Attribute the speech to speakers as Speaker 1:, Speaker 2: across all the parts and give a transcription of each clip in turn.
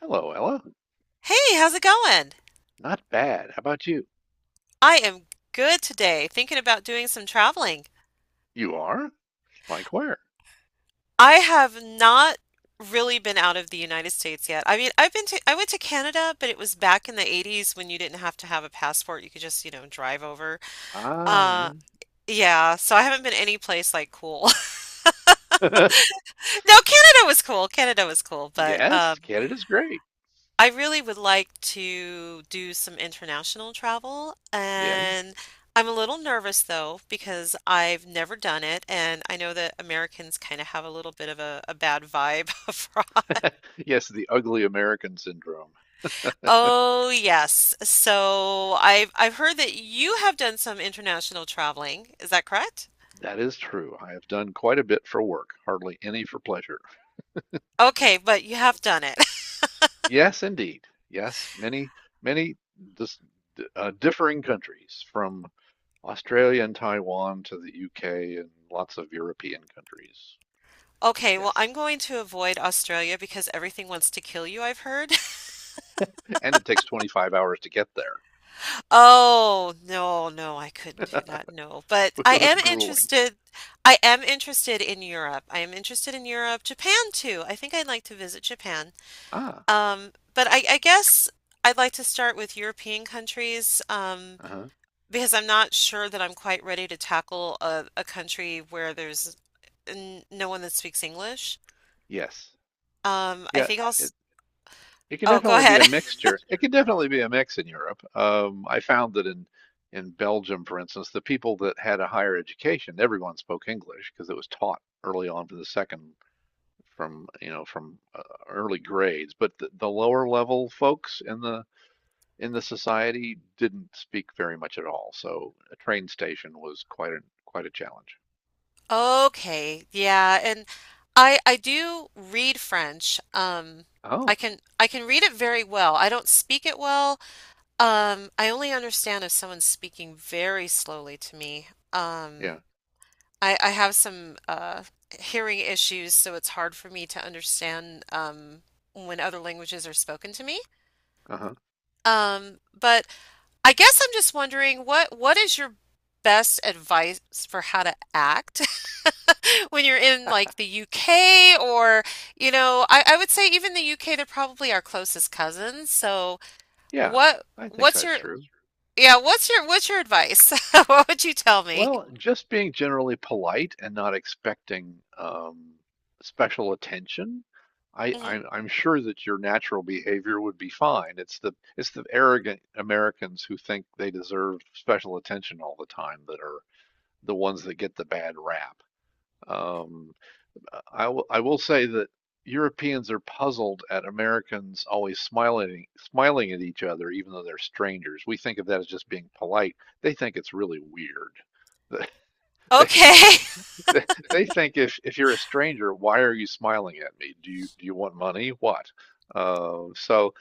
Speaker 1: Hello, Ella.
Speaker 2: Hey, how's it going?
Speaker 1: Not bad. How about you?
Speaker 2: I am good today, thinking about doing some traveling.
Speaker 1: You are? Like where?
Speaker 2: I have not really been out of the United States yet. I went to Canada, but it was back in the 80's when you didn't have to have a passport. You could just, drive over.
Speaker 1: Ah,
Speaker 2: Uh, yeah, so I haven't been any place like cool.
Speaker 1: yeah.
Speaker 2: No, Canada was cool. Canada was cool, but
Speaker 1: Yes, Canada's great.
Speaker 2: I really would like to do some international travel,
Speaker 1: Yeah.
Speaker 2: and I'm a little nervous though because I've never done it, and I know that Americans kind of have a little bit of a bad vibe abroad.
Speaker 1: Yes, the ugly American syndrome.
Speaker 2: Oh yes, so I've heard that you have done some international traveling. Is that correct?
Speaker 1: That is true. I have done quite a bit for work, hardly any for pleasure.
Speaker 2: Okay, but you have done it.
Speaker 1: Yes, indeed. Yes, many dis differing countries from Australia and Taiwan to the UK and lots of European countries.
Speaker 2: Okay, well,
Speaker 1: Yes.
Speaker 2: I'm going to avoid Australia because everything wants to kill you, I've heard.
Speaker 1: And it takes 25 hours to get there.
Speaker 2: Oh, no, no, I couldn't do that, no, but
Speaker 1: It was grueling.
Speaker 2: I am interested in Europe. I am interested in Europe, Japan too. I think I'd like to visit Japan.
Speaker 1: Ah.
Speaker 2: But I guess I'd like to start with European countries,
Speaker 1: Uh-huh.
Speaker 2: because I'm not sure that I'm quite ready to tackle a country where there's n no one that speaks English.
Speaker 1: Yes.
Speaker 2: I
Speaker 1: Yeah,
Speaker 2: think I'll,
Speaker 1: it
Speaker 2: s-
Speaker 1: it can
Speaker 2: oh, go
Speaker 1: definitely be
Speaker 2: ahead.
Speaker 1: a mixture. It can definitely be a mix in Europe. I found that in Belgium, for instance, the people that had a higher education, everyone spoke English because it was taught early on from the second from, you know, from early grades, but the lower level folks in the society didn't speak very much at all. So a train station was quite a challenge.
Speaker 2: Okay, yeah, and I do read French. I
Speaker 1: Oh,
Speaker 2: can I can read it very well. I don't speak it well. I only understand if someone's speaking very slowly to me. Um,
Speaker 1: yeah.
Speaker 2: I have some hearing issues, so it's hard for me to understand when other languages are spoken to me.
Speaker 1: Uh-huh.
Speaker 2: But I guess I'm just wondering what is your best advice for how to act when you're in like the UK or, I would say even the UK they're probably our closest cousins. So
Speaker 1: Yeah.
Speaker 2: what
Speaker 1: I think
Speaker 2: what's
Speaker 1: that's
Speaker 2: your
Speaker 1: true.
Speaker 2: yeah what's your what's your advice? What would you tell me?
Speaker 1: Well, just being generally polite and not expecting special attention. I,
Speaker 2: Mhm.
Speaker 1: I'm, I'm sure that your natural behavior would be fine. It's the arrogant Americans who think they deserve special attention all the time that are the ones that get the bad rap. Um, I will say that Europeans are puzzled at Americans always smiling at each other, even though they're strangers. We think of that as just being polite. They think it's really weird. They.
Speaker 2: Okay.
Speaker 1: They think if you're a stranger, why are you smiling at me? Do you want money? What? Uh, so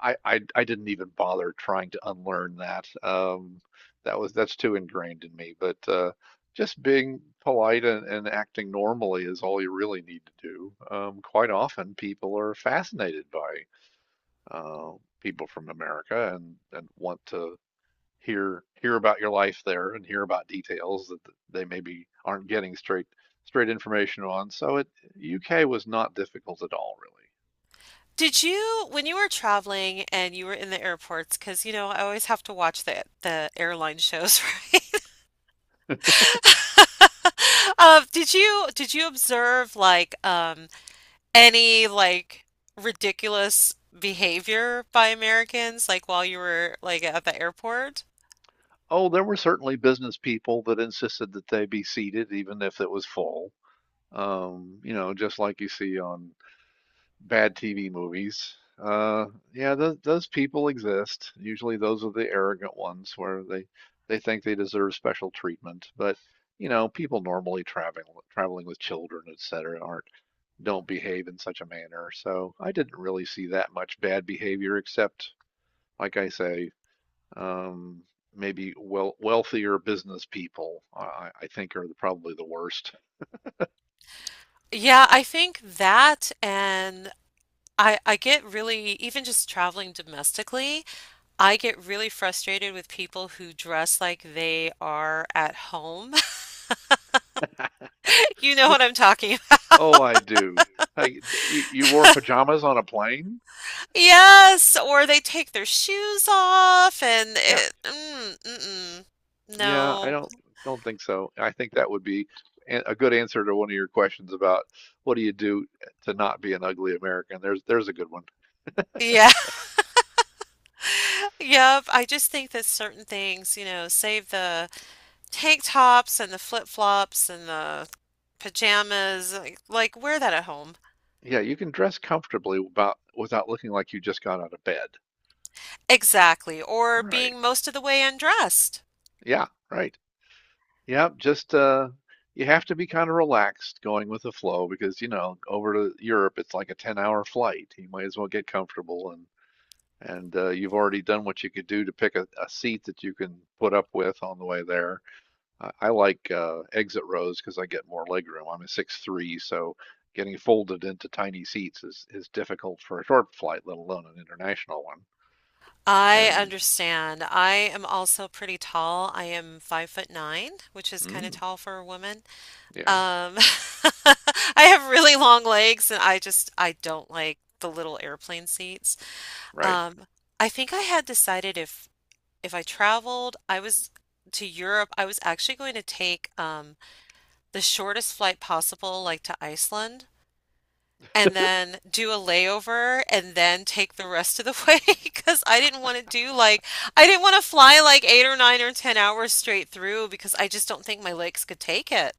Speaker 1: I, I I didn't even bother trying to unlearn that. That was That's too ingrained in me. But just being polite and acting normally is all you really need to do. Quite often, people are fascinated by uh, people from America and want to hear about your life there and hear about details that they maybe aren't getting straight information on. So it UK was not difficult at all, really.
Speaker 2: Did you, when you were traveling and you were in the airports, because you know, I always have to watch the airline shows, right? Did you observe like any like ridiculous behavior by Americans like while you were like at the airport?
Speaker 1: Oh, there were certainly business people that insisted that they be seated even if it was full. You know, just like you see on bad TV movies. Uh, yeah, those people exist. Usually, those are the arrogant ones where they think they deserve special treatment. But you know, people normally traveling with children, et cetera, aren't don't behave in such a manner. So I didn't really see that much bad behavior, except, like I say, um, maybe well wealthier business people. I think are the, probably the worst.
Speaker 2: Yeah, I think that and I get really even just traveling domestically, I get really frustrated with people who dress like they are at home. You know what I'm talking.
Speaker 1: Oh, I do. Hey, you, you wore pajamas on a plane?
Speaker 2: Yes, or they take their shoes off and
Speaker 1: Yeah,
Speaker 2: it, mm-mm.
Speaker 1: yeah. I
Speaker 2: No.
Speaker 1: don't don't think so. I think that would be a good answer to one of your questions about what do you do to not be an ugly American. There's a good one.
Speaker 2: Yeah, yep. I just think that certain things, you know, save the tank tops and the flip-flops and the pajamas, like wear that at home.
Speaker 1: Yeah, you can dress comfortably about without looking like you just got out of bed.
Speaker 2: Exactly. Or
Speaker 1: Right.
Speaker 2: being most of the way undressed.
Speaker 1: Yeah, right. Yep, just you have to be kind of relaxed going with the flow because, you know, over to Europe it's like a 10-hour flight. You might as well get comfortable and and you've already done what you could do to pick a seat that you can put up with on the way there. I like exit rows because I get more leg room. I'm a 6'3", so getting folded into tiny seats is difficult for a short flight, let alone an international one.
Speaker 2: I
Speaker 1: And
Speaker 2: understand. I am also pretty tall. I am 5 foot nine, which is kind of
Speaker 1: mm,
Speaker 2: tall for a woman.
Speaker 1: yeah,
Speaker 2: Um, I have really long legs and I don't like the little airplane seats.
Speaker 1: right.
Speaker 2: Um, I think I had decided if I traveled, I was to Europe, I was actually going to take the shortest flight possible, like to Iceland, and then do a layover and then take the rest of the way because I didn't want to fly like 8 or 9 or 10 hours straight through because I just don't think my legs could take it.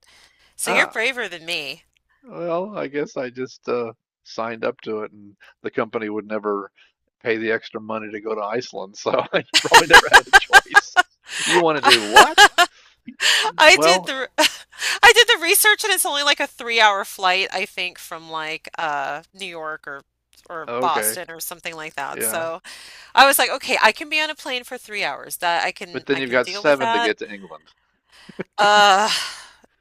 Speaker 2: So you're
Speaker 1: Ah.
Speaker 2: braver than me.
Speaker 1: Well, I guess I just signed up to it, and the company would never pay the extra money to go to Iceland, so I probably never had a choice. You want to do what?
Speaker 2: I did
Speaker 1: Well,
Speaker 2: the I did the research and it's only like a 3 hour flight, I think, from like New York or
Speaker 1: okay,
Speaker 2: Boston or something like that.
Speaker 1: yeah,
Speaker 2: So I was like, okay, I can be on a plane for 3 hours. That I can
Speaker 1: but then
Speaker 2: I
Speaker 1: you've
Speaker 2: can
Speaker 1: got
Speaker 2: deal with
Speaker 1: seven to
Speaker 2: that.
Speaker 1: get to England.
Speaker 2: Uh,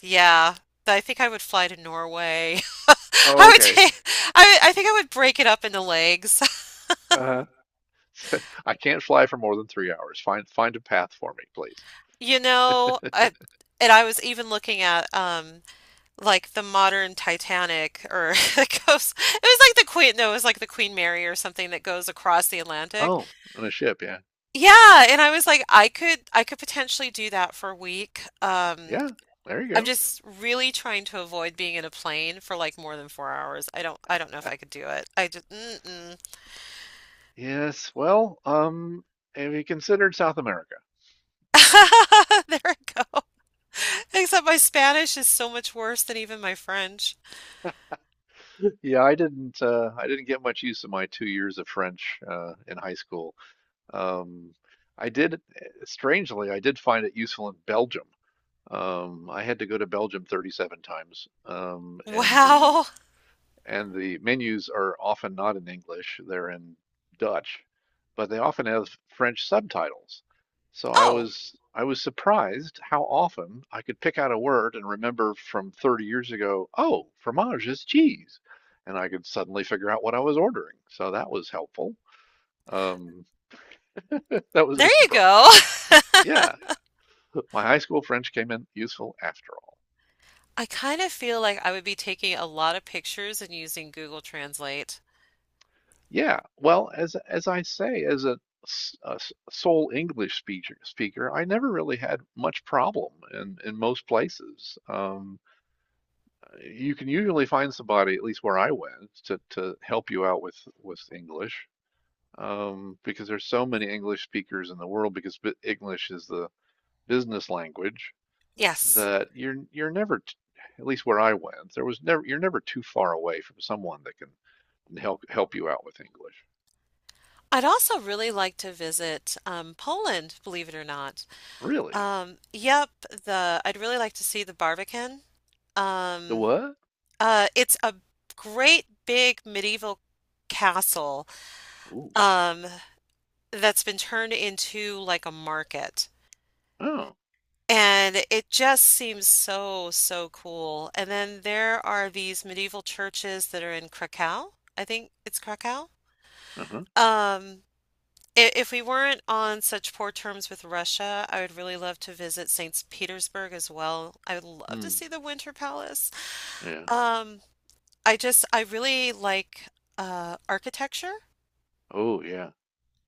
Speaker 2: yeah. I think I would fly to Norway.
Speaker 1: Oh,
Speaker 2: I would
Speaker 1: okay.
Speaker 2: take, I think I would break it up into legs.
Speaker 1: Uh, I can't fly for more than 3 hours. Find a path for me, please.
Speaker 2: You know, I, and I was even looking at like the modern Titanic or it goes it was like the Queen no, it was like the Queen Mary or something that goes across the Atlantic.
Speaker 1: Oh, on a ship, yeah,
Speaker 2: Yeah, and I was like I could potentially do that for a week.
Speaker 1: yeah. There you
Speaker 2: I'm
Speaker 1: go.
Speaker 2: just really trying to avoid being in a plane for like more than 4 hours. I don't know if I could do it. I just mm-mm.
Speaker 1: Yes. Well, have you considered South America?
Speaker 2: There I go. Except my Spanish is so much worse than even my French.
Speaker 1: Yeah, I didn't get much use of my 2 years of French in high school. Um, Strangely, I did find it useful in Belgium. I had to go to Belgium 37 times,
Speaker 2: Wow.
Speaker 1: and the menus are often not in English, they're in Dutch, but they often have French subtitles. So I
Speaker 2: Oh,
Speaker 1: was I was surprised how often I could pick out a word and remember from 30 years ago. Oh, fromage is cheese, and I could suddenly figure out what I was ordering. So that was helpful. Um, that was a
Speaker 2: there you
Speaker 1: surprise.
Speaker 2: go.
Speaker 1: Yeah, my high school French came in useful after all.
Speaker 2: I kind of feel like I would be taking a lot of pictures and using Google Translate.
Speaker 1: Yeah, well, as I say, as a s- sole English speaker, I never really had much problem in most places. You can usually find somebody, at least where I went, to help you out with English, because there's so many English speakers in the world. Because English is the business language
Speaker 2: Yes.
Speaker 1: that you're never, at least where I went, there was never you're never too far away from someone that can help you out with English.
Speaker 2: I'd also really like to visit Poland, believe it or not.
Speaker 1: Really?
Speaker 2: Yep, the I'd really like to see the Barbican.
Speaker 1: The
Speaker 2: Um,
Speaker 1: what?
Speaker 2: it's a great big medieval castle,
Speaker 1: Oh.
Speaker 2: um, that's been turned into like a market.
Speaker 1: Oh.
Speaker 2: And it just seems so, so cool. And then there are these medieval churches that are in Krakow. I think it's Krakow.
Speaker 1: Uh-huh.
Speaker 2: Um, if we weren't on such poor terms with Russia, I would really love to visit St. Petersburg as well. I would love to
Speaker 1: Mm.
Speaker 2: see the Winter Palace.
Speaker 1: Yeah.
Speaker 2: Um, I just, I really like architecture.
Speaker 1: Oh, yeah.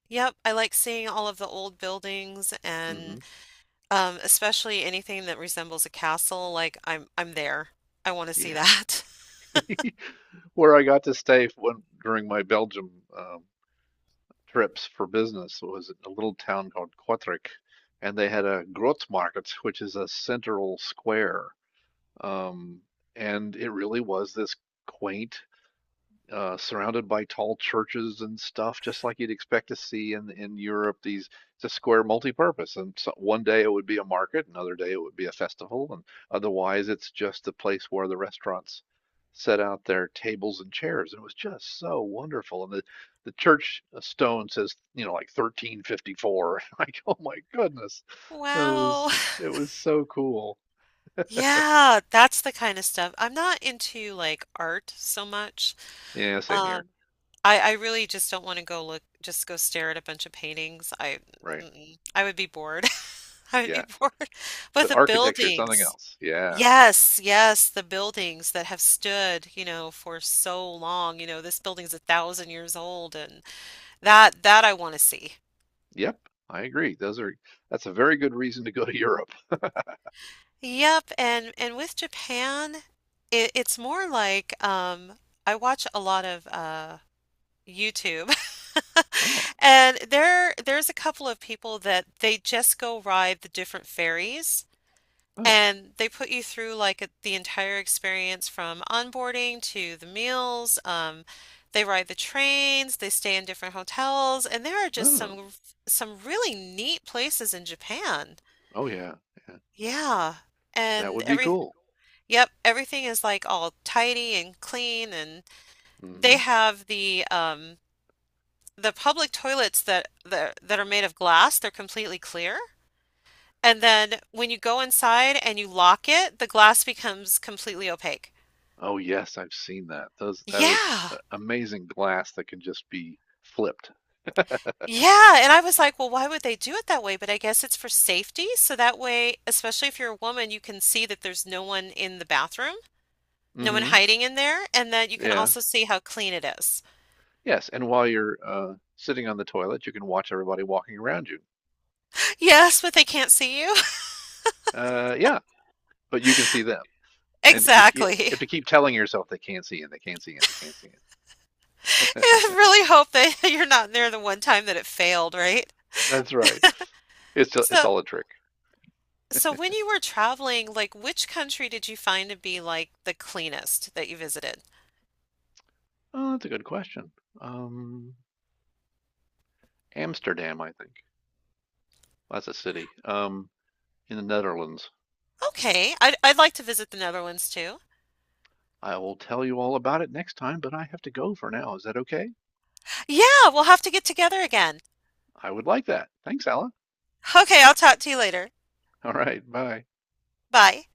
Speaker 2: Yep, I like seeing all of the old buildings.
Speaker 1: Hmm.
Speaker 2: And especially anything that resembles a castle, like I'm there. I want to see
Speaker 1: Yeah.
Speaker 2: that.
Speaker 1: Where I got to stay when during my Belgium um, trips for business was a little town called Kortrijk, and they had a Grootmarkt, which is a central square. Um, and it really was this quaint, surrounded by tall churches and stuff, just like you'd expect to see in Europe. These it's a square multi-purpose, and so one day it would be a market, another day it would be a festival, and otherwise it's just a place where the restaurants set out their tables and chairs. And it was just so wonderful. And the church stone says, you know, like 1354. Like, oh my goodness, it was
Speaker 2: Wow.
Speaker 1: it was so cool.
Speaker 2: Yeah, that's the kind of stuff. I'm not into like art so much.
Speaker 1: Yeah, same here,
Speaker 2: Um, I really just don't want to go look, just go stare at a bunch of paintings. I
Speaker 1: right?
Speaker 2: mm-mm. I would be bored. I would be
Speaker 1: Yeah,
Speaker 2: bored. But
Speaker 1: but
Speaker 2: the
Speaker 1: architecture is something
Speaker 2: buildings.
Speaker 1: else. Yeah.
Speaker 2: Yes, yes, the buildings that have stood, you know, for so long. You know, this building's a thousand years old and that I want to see.
Speaker 1: Yep, I agree. Those are That's a very good reason to go to Europe.
Speaker 2: Yep, and with Japan, it's more like I watch a lot of YouTube,
Speaker 1: Oh,
Speaker 2: and there's a couple of people that they just go ride the different ferries,
Speaker 1: oh,
Speaker 2: and they put you through like the entire experience from onboarding to the meals. They ride the trains, they stay in different hotels, and there are just
Speaker 1: oh,
Speaker 2: some really neat places in Japan.
Speaker 1: oh yeah, yeah.
Speaker 2: Yeah.
Speaker 1: That
Speaker 2: And
Speaker 1: would be
Speaker 2: every
Speaker 1: cool.
Speaker 2: Yep, everything is like all tidy and clean, and they
Speaker 1: Hmm.
Speaker 2: have the public toilets that are made of glass, they're completely clear. And then when you go inside and you lock it, the glass becomes completely opaque.
Speaker 1: Oh yes, I've seen that. Those that is
Speaker 2: Yeah.
Speaker 1: amazing glass that can just be flipped.
Speaker 2: Yeah, and I was like, well, why would they do it that way? But I guess it's for safety, so that way, especially if you're a woman, you can see that there's no one in the bathroom, no one
Speaker 1: Hmm.
Speaker 2: hiding in there, and that you can
Speaker 1: Yeah.
Speaker 2: also see how clean it is.
Speaker 1: Yes, and while you're sitting on the toilet, you can watch everybody walking around you.
Speaker 2: Yes, but they can't see you.
Speaker 1: Yeah, but you can see them, and you
Speaker 2: Exactly.
Speaker 1: have to keep telling yourself they can't see and they can't see and they can't see it.
Speaker 2: I really hope that you're not there the one time that it failed, right?
Speaker 1: That's right. It's
Speaker 2: So,
Speaker 1: all a trick.
Speaker 2: so when you were traveling, like which country did you find to be like the cleanest that you visited?
Speaker 1: Oh, that's a good question. Um, Amsterdam, I think. Well, that's a city, in the Netherlands.
Speaker 2: Okay, I'd like to visit the Netherlands too.
Speaker 1: I will tell you all about it next time, but I have to go for now. Is that okay?
Speaker 2: Yeah, we'll have to get together again.
Speaker 1: I would like that. Thanks, Ella.
Speaker 2: Okay, I'll talk to you later.
Speaker 1: All right, bye.
Speaker 2: Bye.